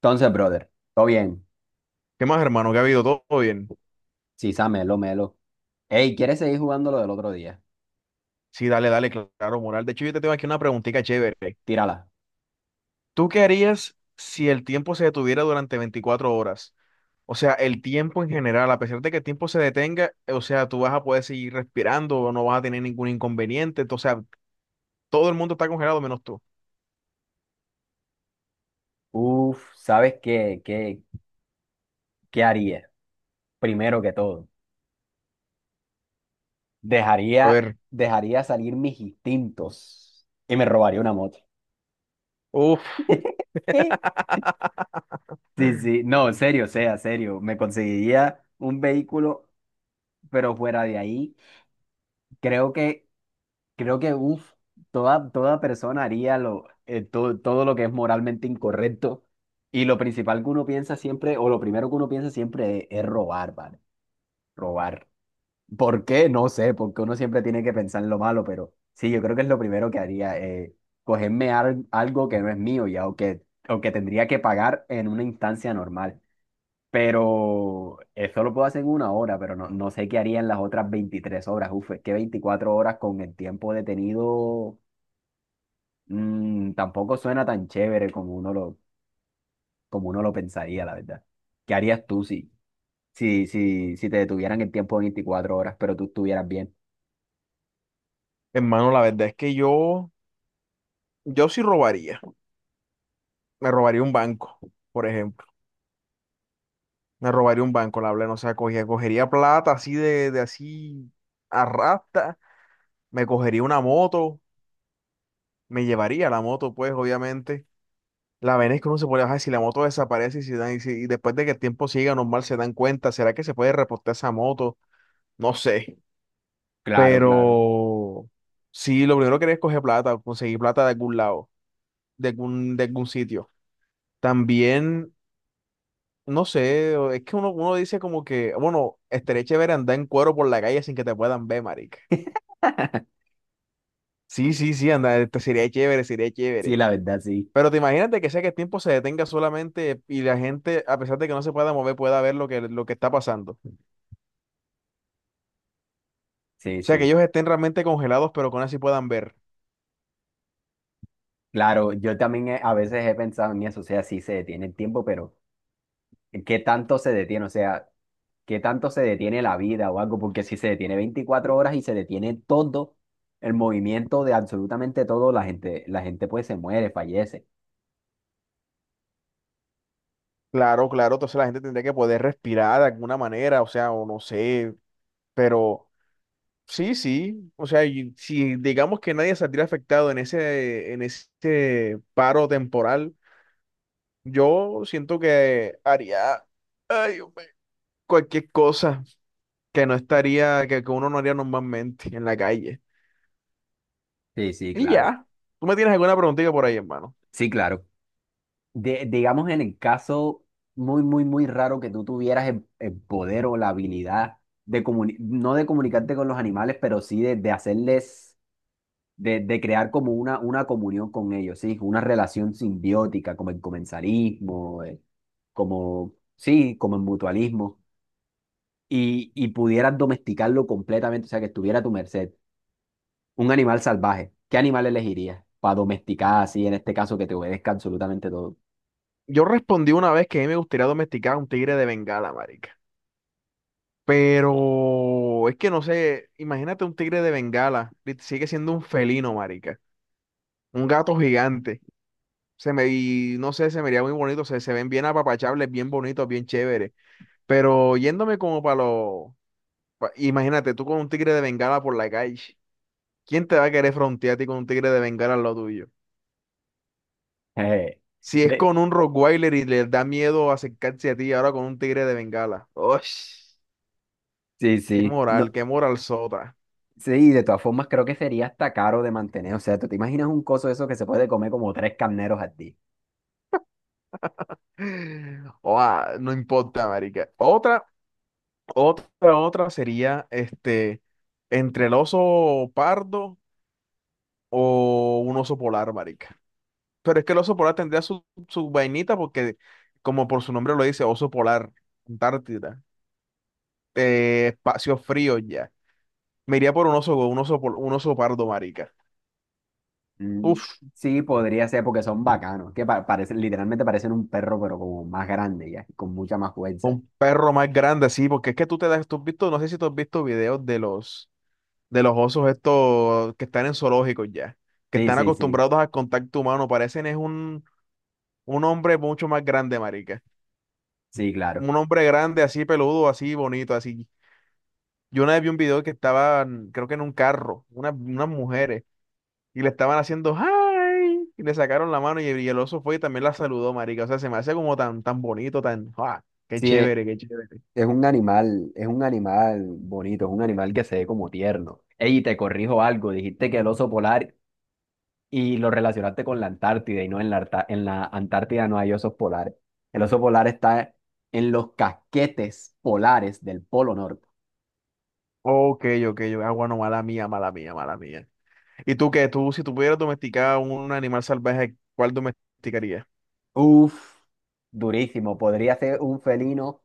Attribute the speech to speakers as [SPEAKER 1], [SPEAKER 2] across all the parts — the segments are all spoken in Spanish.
[SPEAKER 1] Entonces, brother, todo bien.
[SPEAKER 2] ¿Qué más, hermano? ¿Qué ha habido? ¿Todo bien?
[SPEAKER 1] Sisa, melo, melo. Ey, ¿quieres seguir jugando lo del otro día?
[SPEAKER 2] Sí, dale, dale, claro, moral. De hecho, yo te tengo aquí una preguntita chévere.
[SPEAKER 1] Tírala.
[SPEAKER 2] ¿Tú qué harías si el tiempo se detuviera durante 24 horas? O sea, el tiempo en general, a pesar de que el tiempo se detenga, o sea, tú vas a poder seguir respirando, no vas a tener ningún inconveniente. O sea, todo el mundo está congelado menos tú.
[SPEAKER 1] Uf, ¿sabes qué haría? Primero que todo,
[SPEAKER 2] A
[SPEAKER 1] dejaría,
[SPEAKER 2] ver,
[SPEAKER 1] dejaría salir mis instintos y me robaría una moto.
[SPEAKER 2] uff,
[SPEAKER 1] Sí, sí, no, en serio, o sea, serio. Me conseguiría un vehículo, pero fuera de ahí. Creo que Creo que uf, toda persona haría lo, todo lo que es moralmente incorrecto. Y lo principal que uno piensa siempre, o lo primero que uno piensa siempre es robar, ¿vale? Robar. ¿Por qué? No sé, porque uno siempre tiene que pensar en lo malo, pero sí, yo creo que es lo primero que haría, cogerme algo que no es mío ya, o que tendría que pagar en una instancia normal. Pero eso lo puedo hacer en una hora, pero no, no sé qué haría en las otras 23 horas. Uf, es que 24 horas con el tiempo detenido. Mm, tampoco suena tan chévere como como uno lo pensaría, la verdad. ¿Qué harías tú si te detuvieran el tiempo de 24 horas, pero tú estuvieras bien?
[SPEAKER 2] hermano, la verdad es que yo sí robaría. Me robaría un banco, por ejemplo. Me robaría un banco, la verdad, no sea, cogería plata así de así arrastra me cogería una moto, me llevaría la moto, pues obviamente. La vaina es que uno se puede bajar si la moto desaparece y, si dan- y, si- y después de que el tiempo siga normal se dan cuenta, ¿será que se puede reportar esa moto? No sé.
[SPEAKER 1] Claro, claro.
[SPEAKER 2] Pero sí, lo primero que haría es coger plata, conseguir plata de algún lado, de algún sitio. También, no sé, es que uno dice como que, bueno, estaría chévere andar en cuero por la calle sin que te puedan ver, marica. Sí, sí, sí, andar, sería chévere, sería
[SPEAKER 1] Sí,
[SPEAKER 2] chévere.
[SPEAKER 1] la verdad, sí.
[SPEAKER 2] Pero te imagínate que sea que el tiempo se detenga solamente y la gente, a pesar de que no se pueda mover, pueda ver lo que está pasando. O
[SPEAKER 1] Sí,
[SPEAKER 2] sea, que
[SPEAKER 1] sí.
[SPEAKER 2] ellos estén realmente congelados, pero con así puedan ver.
[SPEAKER 1] Claro, yo también a veces he pensado en eso, o sea, sí se detiene el tiempo, pero ¿qué tanto se detiene? O sea, ¿qué tanto se detiene la vida o algo? Porque si se detiene 24 horas y se detiene todo el movimiento de absolutamente todo, la gente pues se muere, fallece.
[SPEAKER 2] Claro, claro, entonces la gente tendría que poder respirar de alguna manera, o sea, o no sé, pero sí, sí, o sea, y si digamos que nadie saldría afectado en ese, paro temporal, yo siento que haría, ay, Dios mío, cualquier cosa que no estaría, que uno no haría normalmente en la calle.
[SPEAKER 1] Sí, sí,
[SPEAKER 2] Y
[SPEAKER 1] claro.
[SPEAKER 2] ya, tú me tienes alguna preguntita por ahí, hermano.
[SPEAKER 1] Sí, claro. Digamos en el caso muy raro que tú tuvieras el poder o la habilidad de no de comunicarte con los animales, pero sí de hacerles, de crear como una comunión con ellos, sí, una relación simbiótica, como el comensalismo, sí, como el mutualismo, y pudieras domesticarlo completamente, o sea, que estuviera a tu merced. Un animal salvaje, ¿qué animal elegirías para domesticar así, en este caso, que te obedezca absolutamente todo?
[SPEAKER 2] Yo respondí una vez que a mí me gustaría domesticar a un tigre de Bengala, marica. Pero es que no sé, imagínate un tigre de Bengala, sigue siendo un felino, marica. Un gato gigante. Y no sé, se me vería muy bonito, se ven bien apapachables, bien bonitos, bien chéveres. Pero yéndome como para los. Imagínate tú con un tigre de Bengala por la calle. ¿Quién te va a querer frontear a ti con un tigre de Bengala en lo tuyo?
[SPEAKER 1] Jeje.
[SPEAKER 2] Si es
[SPEAKER 1] De,
[SPEAKER 2] con un Rottweiler y les da miedo acercarse a ti, ahora con un tigre de Bengala. ¡Ush!
[SPEAKER 1] Sí, sí. No,
[SPEAKER 2] Qué moral sota!
[SPEAKER 1] sí, de todas formas creo que sería hasta caro de mantener. O sea, ¿tú te imaginas un coso de eso que se puede comer como tres carneros al día?
[SPEAKER 2] Oa, no importa, marica. Otra sería entre el oso pardo o un oso polar, marica. Pero es que el oso polar tendría su vainita porque, como por su nombre lo dice, oso polar, Antártida, espacio frío ya. Me iría por un oso pardo, marica.
[SPEAKER 1] Mm,
[SPEAKER 2] Uf,
[SPEAKER 1] sí, podría ser porque son bacanos, que parecen, literalmente parecen un perro, pero como más grande ya, y con mucha más fuerza.
[SPEAKER 2] un perro más grande, sí, porque es que tú has visto, no sé si tú has visto videos de los osos estos que están en zoológicos ya, que
[SPEAKER 1] Sí,
[SPEAKER 2] están
[SPEAKER 1] sí, sí.
[SPEAKER 2] acostumbrados al contacto humano, parecen es un hombre mucho más grande, marica.
[SPEAKER 1] Sí,
[SPEAKER 2] Un
[SPEAKER 1] claro.
[SPEAKER 2] hombre grande, así peludo, así bonito, así. Yo una vez vi un video que estaban, creo que en un carro, unas mujeres, y le estaban haciendo ¡ay! Y le sacaron la mano y el oso fue y también la saludó, marica. O sea, se me hace como tan, tan bonito, tan, ¡ah! ¡Qué
[SPEAKER 1] Sí,
[SPEAKER 2] chévere, qué chévere!
[SPEAKER 1] es un animal bonito, es un animal que se ve como tierno. Ey, te corrijo algo, dijiste que el oso polar y lo relacionaste con la Antártida y no en en la Antártida no hay osos polares. El oso polar está en los casquetes polares del Polo Norte.
[SPEAKER 2] Ok, ok, ah, bueno, mala mía, mala mía, mala mía. ¿Y tú qué? Si tú pudieras domesticar un animal salvaje, ¿cuál domesticarías?
[SPEAKER 1] Uf, durísimo. Podría ser un felino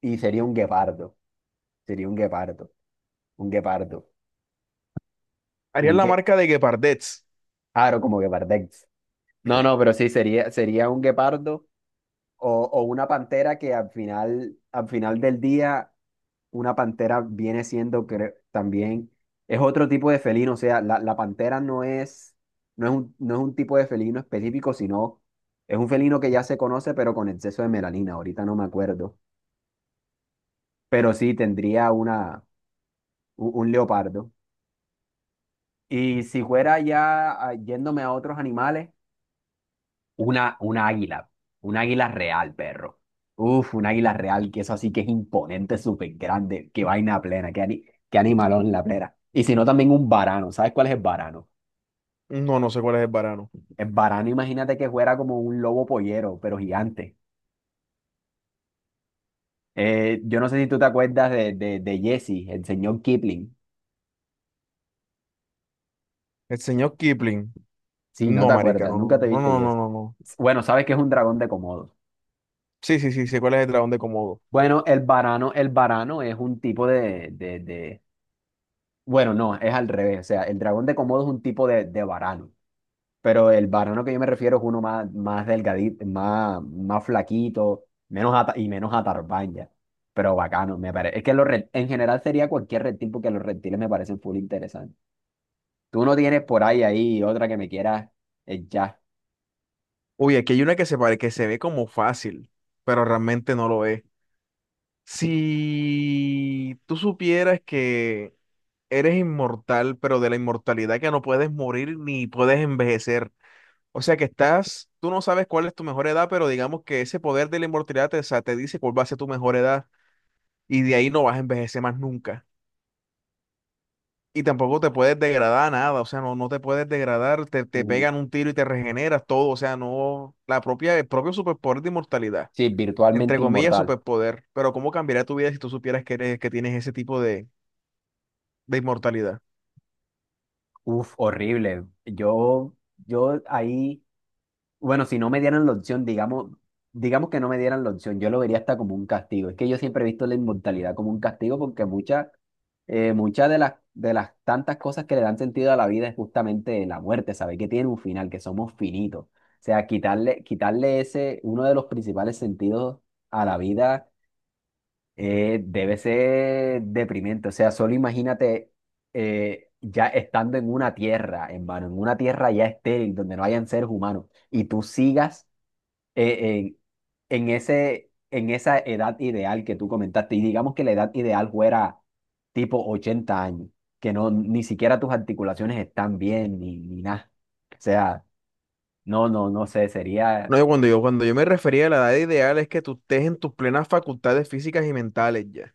[SPEAKER 1] y sería un guepardo. Sería un guepardo. Un guepardo.
[SPEAKER 2] ¿Harías
[SPEAKER 1] Un
[SPEAKER 2] la
[SPEAKER 1] gue...
[SPEAKER 2] marca de Gepardets?
[SPEAKER 1] Claro, como guepardex. No, no, pero sí, sería un guepardo o una pantera que al final del día una pantera viene siendo también, es otro tipo de felino, o sea, la pantera no es, no es un tipo de felino específico, sino es un felino que ya se conoce, pero con exceso de melanina, ahorita no me acuerdo, pero sí tendría un leopardo. Y si fuera ya yéndome a otros animales, una águila. Un águila real, perro. Uf, un águila real, que eso así que es imponente, súper grande. Qué vaina plena, qué animalón la plena. Y si no, también un varano. ¿Sabes cuál es el varano?
[SPEAKER 2] No, no sé cuál es el varano.
[SPEAKER 1] El varano, imagínate que fuera como un lobo pollero, pero gigante. Yo no sé si tú te acuerdas de Jesse, el señor Kipling.
[SPEAKER 2] ¿El señor Kipling?
[SPEAKER 1] Sí, no
[SPEAKER 2] No,
[SPEAKER 1] te
[SPEAKER 2] marica,
[SPEAKER 1] acuerdas, nunca
[SPEAKER 2] no,
[SPEAKER 1] te
[SPEAKER 2] no,
[SPEAKER 1] viste
[SPEAKER 2] no, no,
[SPEAKER 1] Jesse.
[SPEAKER 2] no, no.
[SPEAKER 1] Bueno, sabes que es un dragón de Komodo.
[SPEAKER 2] Sí, sí, sí, sé cuál es el dragón de Komodo.
[SPEAKER 1] Bueno, el varano es un tipo Bueno, no, es al revés. O sea, el dragón de Komodo es un tipo de varano, pero el varano que yo me refiero es uno más delgadito, más flaquito, y menos atarbaña. Pero bacano, me parece. Es que en general sería cualquier reptil porque los reptiles me parecen full interesantes. Tú no tienes por ahí otra que me quieras echar.
[SPEAKER 2] Uy, aquí hay una que se pare, que se ve como fácil, pero realmente no lo es. Si tú supieras que eres inmortal, pero de la inmortalidad que no puedes morir ni puedes envejecer. O sea que tú no sabes cuál es tu mejor edad, pero digamos que ese poder de la inmortalidad te, o sea, te dice cuál va a ser tu mejor edad y de ahí no vas a envejecer más nunca. Y tampoco te puedes degradar nada, o sea, no, no te puedes degradar, te
[SPEAKER 1] Ujú.
[SPEAKER 2] pegan un tiro y te regeneras todo, o sea, no, el propio superpoder de inmortalidad,
[SPEAKER 1] Sí,
[SPEAKER 2] entre
[SPEAKER 1] virtualmente
[SPEAKER 2] comillas,
[SPEAKER 1] inmortal.
[SPEAKER 2] superpoder, pero ¿cómo cambiaría tu vida si tú supieras que tienes ese tipo de inmortalidad?
[SPEAKER 1] Uf, horrible. Yo ahí. Bueno, si no me dieran la opción, digamos que no me dieran la opción, yo lo vería hasta como un castigo. Es que yo siempre he visto la inmortalidad como un castigo porque muchas muchas de las tantas cosas que le dan sentido a la vida es justamente la muerte, sabes que tiene un final, que somos finitos. O sea, quitarle ese, uno de los principales sentidos a la vida debe ser deprimente. O sea, solo imagínate ya estando en una tierra, hermano, en una tierra ya estéril, donde no hayan seres humanos, y tú sigas eh, en, en ese, en esa edad ideal que tú comentaste, y digamos que la edad ideal fuera tipo 80 años, que no, ni siquiera tus articulaciones están bien, ni nada. O sea, no sé, sería,
[SPEAKER 2] No, yo cuando cuando yo me refería a la edad ideal es que tú estés en tus plenas facultades físicas y mentales ya.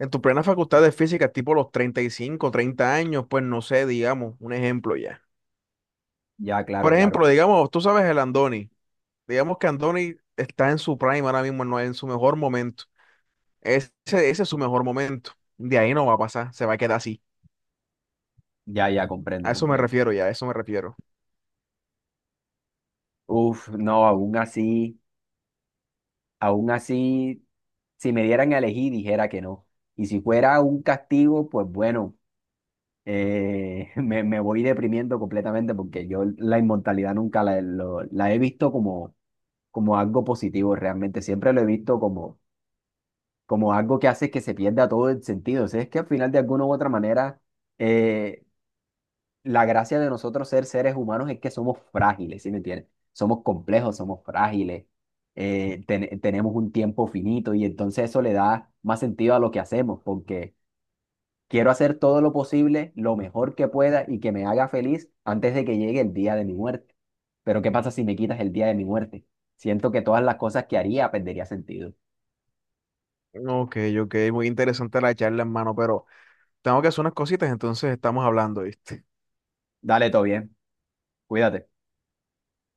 [SPEAKER 2] En tu plena facultad de física, tipo los 35 30 años, pues no sé, digamos, un ejemplo ya.
[SPEAKER 1] ya, claro,
[SPEAKER 2] Por ejemplo,
[SPEAKER 1] claro,
[SPEAKER 2] digamos, tú sabes el Andoni. Digamos que Andoni está en su prime ahora mismo, no en su mejor momento. Ese es su mejor momento. De ahí no va a pasar, se va a quedar así.
[SPEAKER 1] ya, ya,
[SPEAKER 2] A
[SPEAKER 1] comprendo,
[SPEAKER 2] eso me
[SPEAKER 1] comprendo.
[SPEAKER 2] refiero ya, a eso me refiero.
[SPEAKER 1] Uf, no, aún así, si me dieran a elegir, dijera que no. Y si fuera un castigo, pues bueno, me voy deprimiendo completamente porque yo la inmortalidad nunca la he visto como, como algo positivo realmente, siempre lo he visto como, como algo que hace que se pierda todo el sentido. O sea, es que al final de alguna u otra manera, eh, la gracia de nosotros ser seres humanos es que somos frágiles, ¿sí me entiendes? Somos complejos, somos frágiles, ten- tenemos un tiempo finito y entonces eso le da más sentido a lo que hacemos porque... Quiero hacer todo lo posible, lo mejor que pueda y que me haga feliz antes de que llegue el día de mi muerte. Pero ¿qué pasa si me quitas el día de mi muerte? Siento que todas las cosas que haría perdería sentido.
[SPEAKER 2] Ok, ok, muy interesante la charla, hermano, pero tengo que hacer unas cositas, entonces estamos hablando, ¿viste?
[SPEAKER 1] Dale, todo bien. Cuídate.